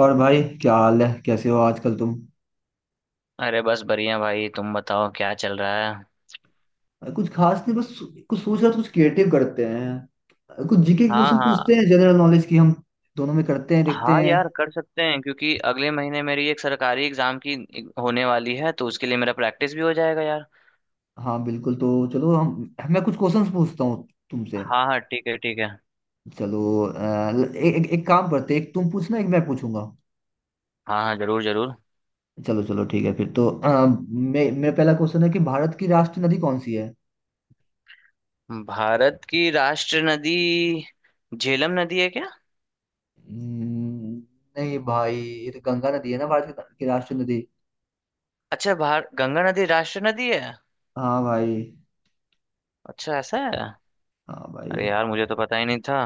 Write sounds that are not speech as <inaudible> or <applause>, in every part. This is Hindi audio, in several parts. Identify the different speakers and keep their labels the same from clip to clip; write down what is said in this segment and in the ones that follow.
Speaker 1: और भाई क्या हाल है, कैसे हो आजकल तुम?
Speaker 2: अरे बस बढ़िया भाई। तुम बताओ क्या चल रहा है।
Speaker 1: कुछ खास नहीं। बस कुछ सोच रहा था, कुछ क्रिएटिव करते हैं, कुछ जीके के
Speaker 2: हाँ
Speaker 1: क्वेश्चन
Speaker 2: हाँ।
Speaker 1: पूछते हैं, जनरल नॉलेज की हम दोनों में करते हैं, देखते
Speaker 2: हाँ
Speaker 1: हैं।
Speaker 2: यार, कर सकते हैं क्योंकि अगले महीने मेरी एक सरकारी एग्जाम की होने वाली है तो उसके लिए मेरा प्रैक्टिस भी हो जाएगा यार।
Speaker 1: हाँ बिल्कुल, तो चलो हम मैं कुछ क्वेश्चंस पूछता हूँ तुमसे।
Speaker 2: हाँ हाँ, ठीक है ठीक है।
Speaker 1: चलो एक एक काम करते हैं, एक तुम पूछना, एक मैं पूछूंगा।
Speaker 2: हाँ हाँ, जरूर जरूर।
Speaker 1: चलो चलो, ठीक है फिर। तो मेरा पहला क्वेश्चन है कि भारत की राष्ट्रीय नदी कौन सी है?
Speaker 2: भारत की राष्ट्र नदी झेलम नदी है क्या?
Speaker 1: हम्म, नहीं भाई, ये तो गंगा नदी है ना, भारत की राष्ट्रीय नदी।
Speaker 2: अच्छा, भार गंगा नदी राष्ट्र नदी है।
Speaker 1: हाँ भाई।
Speaker 2: अच्छा, ऐसा है।
Speaker 1: हाँ भाई।
Speaker 2: अरे यार, मुझे तो पता ही नहीं था।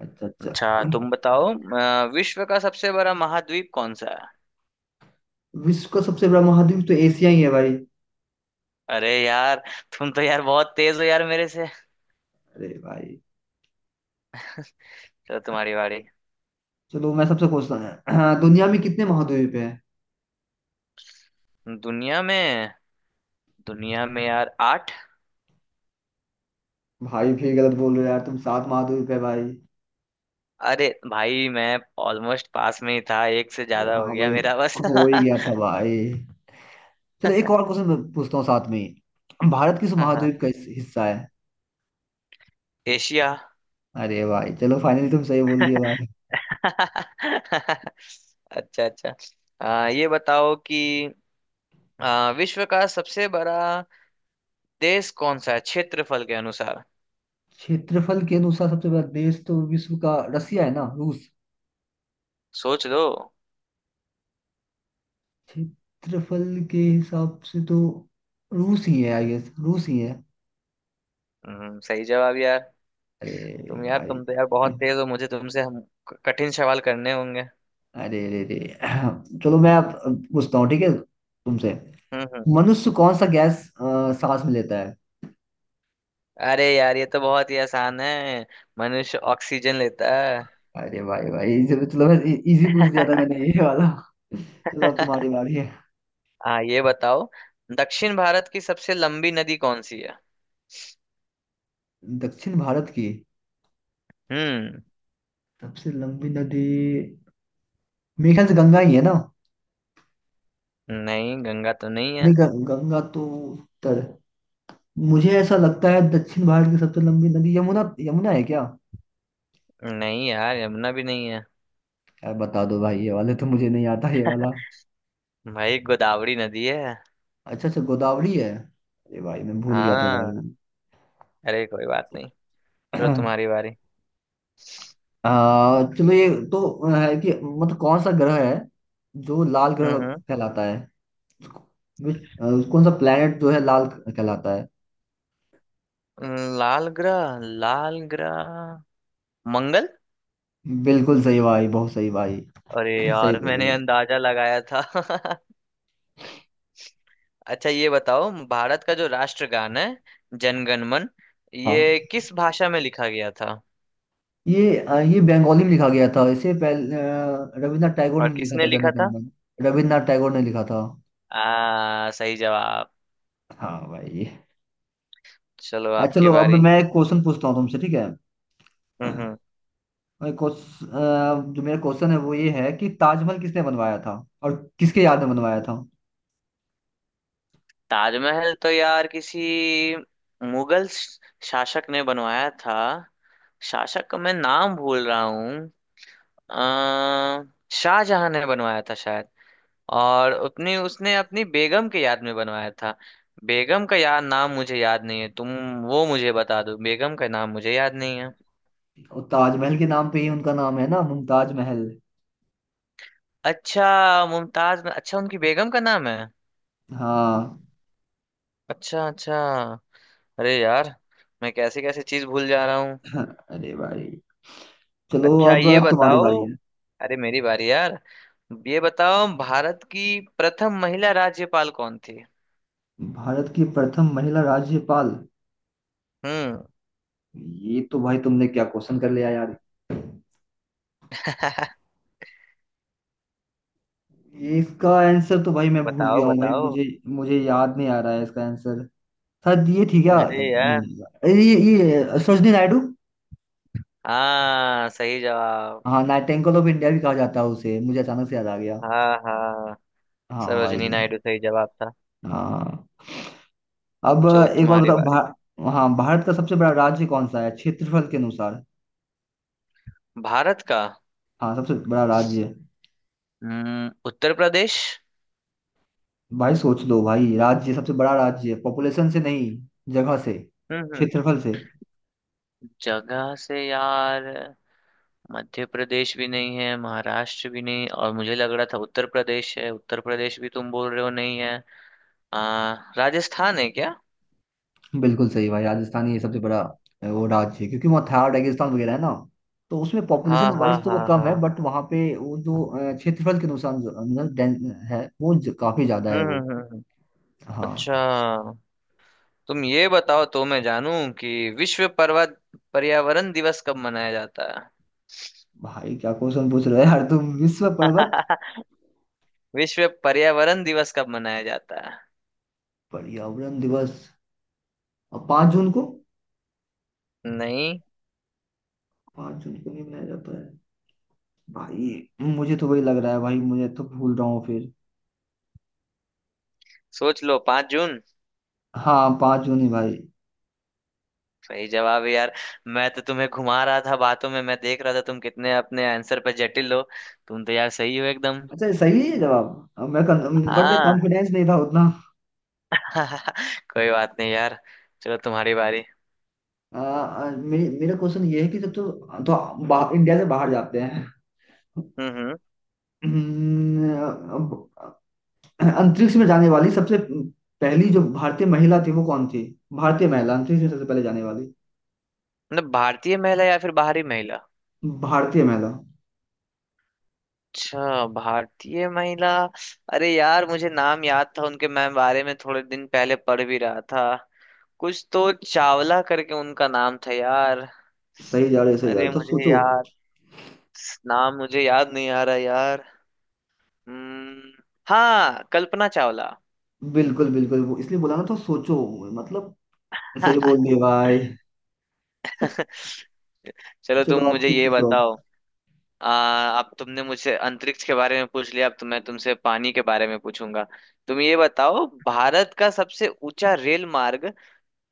Speaker 1: अच्छा अच्छा।
Speaker 2: अच्छा। तुम बताओ विश्व का सबसे बड़ा महाद्वीप कौन सा है?
Speaker 1: विश्व का सबसे बड़ा महाद्वीप तो एशिया ही है भाई।
Speaker 2: अरे यार। तुम तो यार बहुत तेज हो यार मेरे से।
Speaker 1: अरे भाई।
Speaker 2: चलो, तुम्हारी बारी।
Speaker 1: चलो मैं सबसे पूछता हूँ। हाँ, दुनिया में कितने महाद्वीप हैं?
Speaker 2: दुनिया में। दुनिया में यार आठ।
Speaker 1: भाई फिर गलत बोल रहे हो यार तुम, सात महाद्वीप है भाई।
Speaker 2: अरे भाई, मैं ऑलमोस्ट पास में ही था, एक से
Speaker 1: ये
Speaker 2: ज्यादा हो
Speaker 1: हाँ
Speaker 2: गया
Speaker 1: भाई,
Speaker 2: मेरा बस।
Speaker 1: हो
Speaker 2: <laughs> हाँ।
Speaker 1: हो ही गया था भाई। चलो एक और क्वेश्चन पूछता हूँ साथ में ही, भारत किस
Speaker 2: हाँ।
Speaker 1: महाद्वीप का हिस्सा है?
Speaker 2: एशिया।
Speaker 1: अरे भाई, चलो फाइनली तुम सही बोल दिए
Speaker 2: <laughs>
Speaker 1: भाई।
Speaker 2: अच्छा अच्छा। ये बताओ कि विश्व का सबसे बड़ा देश कौन सा है क्षेत्रफल के अनुसार?
Speaker 1: क्षेत्रफल के अनुसार सबसे बड़ा देश तो विश्व का रसिया है ना, रूस।
Speaker 2: सोच लो।
Speaker 1: क्षेत्रफल के हिसाब से तो रूस ही है, आई गेस रूस ही है।
Speaker 2: सही जवाब यार।
Speaker 1: अरे
Speaker 2: तुम यार,
Speaker 1: भाई।
Speaker 2: तुम तो यार बहुत तेज हो, मुझे तुमसे हम कठिन सवाल करने होंगे।
Speaker 1: अरे अरे अरे, चलो मैं अब पूछता हूँ ठीक है, तुमसे।
Speaker 2: हम्म हम्म।
Speaker 1: मनुष्य कौन सा गैस सांस में लेता है?
Speaker 2: अरे यार, ये तो बहुत ही आसान है। मनुष्य ऑक्सीजन लेता है।
Speaker 1: अरे भाई भाई, चलो मैं इजी पूछ लिया था मैंने
Speaker 2: <laughs>
Speaker 1: ये वाला। चलो अब तुम्हारी बारी है।
Speaker 2: हाँ, ये बताओ। दक्षिण भारत की सबसे लंबी नदी कौन सी है?
Speaker 1: दक्षिण भारत की
Speaker 2: हम्म।
Speaker 1: सबसे लंबी नदी, मेरे ख्याल से गंगा ही है ना।
Speaker 2: नहीं, गंगा तो नहीं है।
Speaker 1: नहीं, गंगा तो उत्तर। मुझे ऐसा लगता है दक्षिण भारत की सबसे लंबी नदी यमुना, यमुना है क्या?
Speaker 2: नहीं यार, यमुना भी नहीं है।
Speaker 1: यार बता दो भाई, ये वाले तो मुझे नहीं आता ये वाला।
Speaker 2: भाई, गोदावरी नदी है।
Speaker 1: अच्छा अच्छा, गोदावरी है। अरे भाई मैं भूल गया था
Speaker 2: हाँ।
Speaker 1: भाई।
Speaker 2: अरे, कोई बात नहीं। चलो, तुम्हारी बारी।
Speaker 1: चलो ये तो है कि मतलब कौन सा ग्रह है जो लाल ग्रह
Speaker 2: हम्म
Speaker 1: कहलाता है? कौन सा प्लेनेट जो है लाल कहलाता है?
Speaker 2: लाल ग्रह, लाल ग्रह, मंगल।
Speaker 1: बिल्कुल सही भाई, बहुत सही भाई।
Speaker 2: अरे
Speaker 1: <clears throat> सही
Speaker 2: यार,
Speaker 1: बोल रहे
Speaker 2: मैंने
Speaker 1: हो।
Speaker 2: अंदाजा लगाया था। <laughs> अच्छा, ये बताओ, भारत का जो राष्ट्रगान है, जनगण मन,
Speaker 1: हाँ,
Speaker 2: ये किस भाषा में लिखा गया था?
Speaker 1: ये बंगाली में लिखा गया था, इससे पहले रविन्द्रनाथ टैगोर
Speaker 2: और
Speaker 1: ने लिखा
Speaker 2: किसने
Speaker 1: था
Speaker 2: लिखा
Speaker 1: जनगण
Speaker 2: था?
Speaker 1: मन। रविन्द्रनाथ टैगोर ने लिखा था।
Speaker 2: आ सही जवाब।
Speaker 1: हाँ भाई।
Speaker 2: चलो आपकी
Speaker 1: चलो अब
Speaker 2: बारी।
Speaker 1: मैं एक क्वेश्चन पूछता हूँ तुमसे, ठीक है।
Speaker 2: हम्म।
Speaker 1: जो मेरा क्वेश्चन है वो ये है कि ताजमहल किसने बनवाया था और किसके याद में बनवाया था?
Speaker 2: ताजमहल तो यार किसी मुगल शासक ने बनवाया था। शासक का मैं नाम भूल रहा हूँ। आ शाहजहां ने बनवाया था शायद। और अपनी, उसने अपनी बेगम के याद में बनवाया था। बेगम का याद नाम मुझे याद नहीं है, तुम वो मुझे बता दो, बेगम का नाम मुझे याद नहीं है।
Speaker 1: और ताजमहल के नाम पे ही उनका नाम है ना, मुमताज महल।
Speaker 2: अच्छा, मुमताज, अच्छा उनकी बेगम का नाम है।
Speaker 1: हाँ।
Speaker 2: अच्छा अच्छा। अरे यार, मैं कैसे कैसे चीज भूल जा रहा हूँ।
Speaker 1: <laughs> अरे भाई, चलो
Speaker 2: अच्छा,
Speaker 1: अब
Speaker 2: ये
Speaker 1: तुम्हारी
Speaker 2: बताओ।
Speaker 1: बारी है।
Speaker 2: अरे, मेरी बारी यार। ये बताओ, भारत की प्रथम महिला राज्यपाल कौन थी?
Speaker 1: भारत की प्रथम महिला राज्यपाल,
Speaker 2: हम्म।
Speaker 1: ये तो भाई तुमने क्या क्वेश्चन कर लिया यार।
Speaker 2: <laughs>
Speaker 1: ये इसका आंसर तो भाई मैं भूल
Speaker 2: बताओ
Speaker 1: गया हूँ भाई,
Speaker 2: बताओ।
Speaker 1: मुझे मुझे याद नहीं आ रहा है इसका आंसर। शायद ये थी क्या,
Speaker 2: अरे यार।
Speaker 1: नहीं, अरे ये सरोजनी नायडू।
Speaker 2: हाँ, सही जवाब।
Speaker 1: हाँ, नाइटिंगेल ऑफ इंडिया भी कहा जाता है उसे, मुझे अचानक से याद आ गया।
Speaker 2: हाँ हाँ।
Speaker 1: हाँ भाई।
Speaker 2: सरोजिनी नायडू, सही जवाब था।
Speaker 1: हाँ। अब
Speaker 2: चलो,
Speaker 1: एक बार
Speaker 2: तुम्हारी
Speaker 1: बताओ
Speaker 2: बारी।
Speaker 1: हाँ, भारत का सबसे बड़ा राज्य कौन सा है क्षेत्रफल के अनुसार?
Speaker 2: भारत का?
Speaker 1: हाँ सबसे बड़ा राज्य।
Speaker 2: उत्तर प्रदेश।
Speaker 1: भाई सोच लो भाई, राज्य सबसे बड़ा राज्य, पॉपुलेशन से नहीं, जगह से,
Speaker 2: हम्म हम्म।
Speaker 1: क्षेत्रफल से।
Speaker 2: जगह से यार, मध्य प्रदेश भी नहीं है, महाराष्ट्र भी नहीं, और मुझे लग रहा था उत्तर प्रदेश है, उत्तर प्रदेश भी तुम बोल रहे हो नहीं है। राजस्थान है क्या?
Speaker 1: बिल्कुल सही भाई, राजस्थान ही सबसे बड़ा वो राज्य है, क्योंकि वहाँ थार रेगिस्तान वगैरह है ना। तो उसमें
Speaker 2: हाँ
Speaker 1: पॉपुलेशन
Speaker 2: हाँ
Speaker 1: वाइज तो वो
Speaker 2: हाँ
Speaker 1: कम है,
Speaker 2: हाँ।
Speaker 1: बट वहाँ पे वो जो क्षेत्रफल के अनुसार है वो काफी ज्यादा
Speaker 2: हम्म
Speaker 1: है
Speaker 2: हम्म
Speaker 1: वो।
Speaker 2: हम्म, हम्म।
Speaker 1: हाँ।
Speaker 2: अच्छा। तुम ये बताओ तो मैं जानूं कि विश्व पर्वत पर्यावरण दिवस कब मनाया जाता है?
Speaker 1: भाई क्या क्वेश्चन पूछ रहे हो यार तुम, विश्व पर्वत?
Speaker 2: <laughs> विश्व पर्यावरण दिवस कब मनाया जाता है?
Speaker 1: पर्यावरण दिवस, और 5 जून को।
Speaker 2: नहीं।
Speaker 1: पाँच जून को नहीं मनाया जाता है? भाई मुझे तो वही लग रहा है भाई, मुझे तो भूल रहा हूँ फिर।
Speaker 2: सोच लो, 5 जून।
Speaker 1: हाँ पाँच जून ही भाई।
Speaker 2: सही जवाब है यार। मैं तो तुम्हें घुमा रहा था बातों में, मैं देख रहा था तुम कितने अपने आंसर पर जटिल हो। तुम तो यार सही हो एकदम।
Speaker 1: अच्छा, सही है जवाब। अब मैं, बट मैं
Speaker 2: हाँ।
Speaker 1: कॉन्फिडेंस नहीं था उतना।
Speaker 2: <laughs> कोई बात नहीं यार। चलो, तुम्हारी बारी।
Speaker 1: आ, आ, मे, मेरा क्वेश्चन ये है कि तो बाहर, इंडिया से बाहर जाते हैं।
Speaker 2: हम्म।
Speaker 1: हम्म, अब अंतरिक्ष में जाने वाली सबसे पहली जो भारतीय महिला थी वो कौन थी? भारतीय महिला, अंतरिक्ष में सबसे पहले जाने वाली
Speaker 2: मतलब, भारतीय महिला या फिर बाहरी महिला?
Speaker 1: भारतीय महिला।
Speaker 2: अच्छा, भारतीय महिला। अरे यार, मुझे नाम याद था उनके, मैं बारे में थोड़े दिन पहले पढ़ भी रहा था। कुछ तो चावला करके उनका नाम था यार।
Speaker 1: सही जा रहे हो, सही जा रहे
Speaker 2: अरे,
Speaker 1: हो, तो
Speaker 2: मुझे
Speaker 1: सोचो।
Speaker 2: याद नाम मुझे याद नहीं आ रहा यार। हम्म। हाँ, कल्पना चावला।
Speaker 1: बिल्कुल बिल्कुल, वो इसलिए बोला ना तो सोचो मतलब। सही
Speaker 2: <laughs>
Speaker 1: बोल दिए भाई।
Speaker 2: चलो, तुम
Speaker 1: चलो आप
Speaker 2: मुझे
Speaker 1: तुम
Speaker 2: ये
Speaker 1: पूछो
Speaker 2: बताओ।
Speaker 1: अब।
Speaker 2: अब तुमने मुझसे अंतरिक्ष के बारे में पूछ लिया, अब तो मैं तुमसे पानी के बारे में पूछूंगा। तुम ये बताओ, भारत का सबसे ऊंचा रेल मार्ग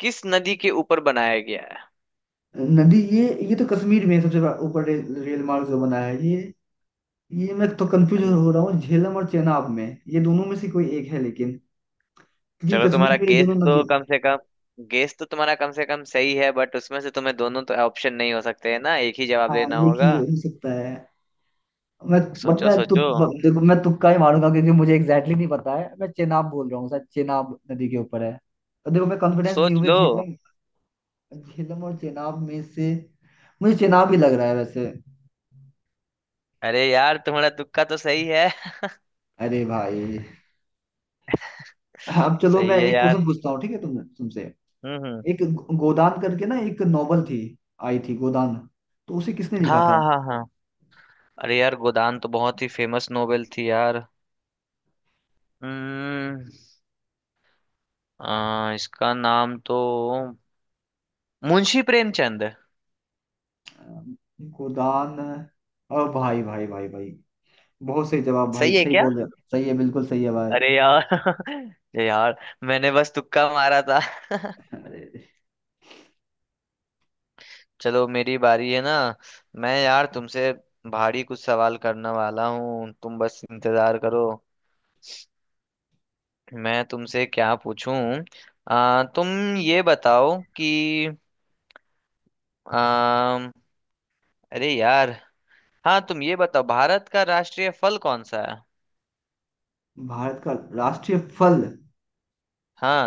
Speaker 2: किस नदी के ऊपर बनाया गया है?
Speaker 1: नदी ये तो कश्मीर में सबसे बड़ा ऊपर रेल मार्ग जो बना है ये मैं तो कंफ्यूज
Speaker 2: अन-
Speaker 1: हो रहा हूँ झेलम और चेनाब में। ये दोनों में से कोई एक है लेकिन, क्योंकि
Speaker 2: चलो, तुम्हारा
Speaker 1: कश्मीर में ये
Speaker 2: गेस
Speaker 1: दोनों नदी।
Speaker 2: तो कम से कम गेस तो तुम्हारा कम से कम सही है, बट उसमें से तुम्हें दोनों तो ऑप्शन नहीं हो सकते है ना, एक ही जवाब
Speaker 1: हाँ
Speaker 2: देना
Speaker 1: एक
Speaker 2: होगा।
Speaker 1: ही हो सकता है। मैं, बट
Speaker 2: सोचो
Speaker 1: मैं
Speaker 2: सोचो।
Speaker 1: देखो मैं तुक्का ही मारूंगा, क्योंकि मुझे एग्जैक्टली नहीं पता है, मैं चेनाब बोल रहा हूँ, शायद चेनाब नदी के ऊपर है। तो देखो मैं कॉन्फिडेंस नहीं
Speaker 2: सोच
Speaker 1: हूँ,
Speaker 2: लो।
Speaker 1: झेलम, झेलम और चेनाब में से मुझे चेनाब ही लग रहा है वैसे।
Speaker 2: अरे यार, तुम्हारा तुक्का तो सही है।
Speaker 1: अरे भाई। अब
Speaker 2: <laughs>
Speaker 1: चलो मैं
Speaker 2: सही है
Speaker 1: एक
Speaker 2: यार।
Speaker 1: क्वेश्चन पूछता हूँ ठीक है, तुमसे।
Speaker 2: हम्म।
Speaker 1: एक गोदान करके ना एक नॉवल थी, आई थी गोदान, तो उसे किसने लिखा
Speaker 2: हाँ
Speaker 1: था?
Speaker 2: हाँ हाँ हाँ। अरे यार, गोदान तो बहुत ही फेमस नोवेल थी यार। हम्म। इसका नाम तो मुंशी प्रेमचंद है।
Speaker 1: अ, गोदान, और भाई भाई भाई भाई, बहुत सही जवाब भाई,
Speaker 2: सही है
Speaker 1: सही
Speaker 2: क्या?
Speaker 1: बोल रहे हो, सही है, बिल्कुल सही है भाई।
Speaker 2: अरे यार। <laughs> अरे यार, मैंने बस तुक्का मारा था।
Speaker 1: अरे।
Speaker 2: चलो, मेरी बारी है ना। मैं यार तुमसे भारी कुछ सवाल करने वाला हूँ, तुम बस इंतजार करो। मैं तुमसे क्या पूछूं। तुम ये बताओ कि आ, अरे यार। हाँ, तुम ये बताओ, भारत का राष्ट्रीय फल कौन सा है?
Speaker 1: भारत का राष्ट्रीय फल।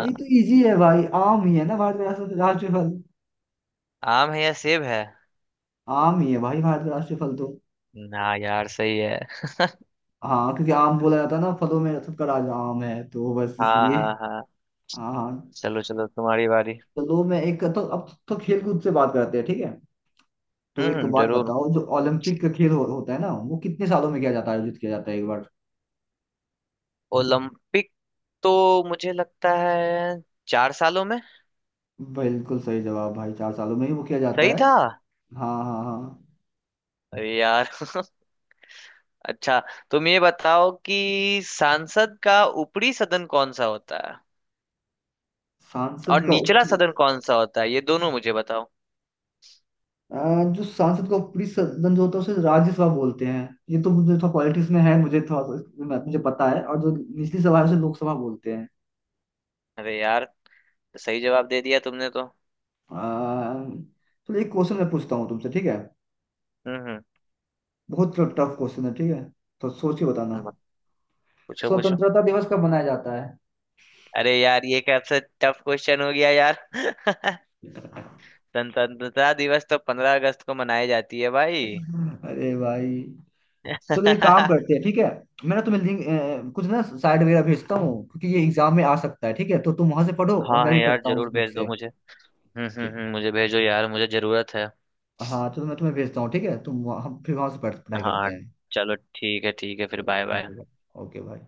Speaker 1: भाई तो इजी है भाई, आम ही है ना, भारत का राष्ट्रीय फल।
Speaker 2: आम है या सेब है?
Speaker 1: आम ही है भाई, भारत का राष्ट्रीय फल तो।
Speaker 2: ना यार, सही है।
Speaker 1: हाँ क्योंकि आम बोला जाता है ना, फलों में सबका राजा आम है, तो बस
Speaker 2: हाँ
Speaker 1: इसलिए।
Speaker 2: हाँ हाँ।
Speaker 1: हाँ हाँ।
Speaker 2: चलो चलो, तुम्हारी बारी।
Speaker 1: चलो मैं एक, तो अब तो खेल कूद से बात करते हैं ठीक है। तो एक बात
Speaker 2: जरूर।
Speaker 1: बताओ, जो ओलंपिक का खेल होता है ना, वो कितने सालों में किया जाता है, आयोजित किया जाता है एक बार?
Speaker 2: ओलंपिक, तो मुझे लगता है 4 सालों में।
Speaker 1: बिल्कुल सही जवाब भाई, चार सालों में ही वो किया जाता
Speaker 2: सही
Speaker 1: है।
Speaker 2: था।
Speaker 1: हाँ हाँ हाँ।
Speaker 2: अरे यार। <laughs> अच्छा, तुम ये बताओ कि सांसद का ऊपरी सदन कौन सा होता है
Speaker 1: सांसद
Speaker 2: और
Speaker 1: का
Speaker 2: निचला सदन कौन सा होता है, ये दोनों मुझे बताओ।
Speaker 1: जो सांसद का ऊपरी सदन जो होता है उसे राज्यसभा बोलते हैं। ये तो मुझे थोड़ा पॉलिटिक्स में है, मुझे थोड़ा मुझे पता है, और जो निचली सभा है उसे लोकसभा बोलते हैं।
Speaker 2: अरे यार, सही जवाब दे दिया तुमने तो।
Speaker 1: आ, चलो एक क्वेश्चन मैं पूछता हूँ तुमसे, ठीक है।
Speaker 2: हम्म
Speaker 1: बहुत टफ क्वेश्चन है ठीक है, तो सोच के बताना।
Speaker 2: हम्म। पूछो पूछो।
Speaker 1: स्वतंत्रता दिवस कब मनाया जाता है?
Speaker 2: अरे यार, ये कैसा टफ क्वेश्चन हो गया यार। <laughs> स्वतंत्रता दिवस तो 15 अगस्त को मनाई जाती है भाई।
Speaker 1: अरे भाई।
Speaker 2: <laughs>
Speaker 1: चलो एक काम
Speaker 2: हम्म।
Speaker 1: करते हैं ठीक है, मैं ना तुम्हें लिंक, कुछ ना साइड वगैरह भेजता हूँ, क्योंकि ये एग्जाम में आ सकता है ठीक है, तो तुम वहां से पढ़ो और
Speaker 2: हाँ
Speaker 1: मैं
Speaker 2: है
Speaker 1: भी
Speaker 2: यार,
Speaker 1: पढ़ता हूँ उस
Speaker 2: जरूर
Speaker 1: बुक
Speaker 2: भेज दो
Speaker 1: से।
Speaker 2: मुझे।
Speaker 1: ठीक।
Speaker 2: मुझे भेजो यार मुझे जरूरत है।
Speaker 1: हाँ तो मैं तुम्हें भेजता हूँ ठीक है, हम फिर वहां से पढ़ाई करते
Speaker 2: हाँ।
Speaker 1: हैं।
Speaker 2: चलो ठीक है ठीक है, फिर
Speaker 1: चलो
Speaker 2: बाय
Speaker 1: ठीक
Speaker 2: बाय।
Speaker 1: है भाई, ओके भाई।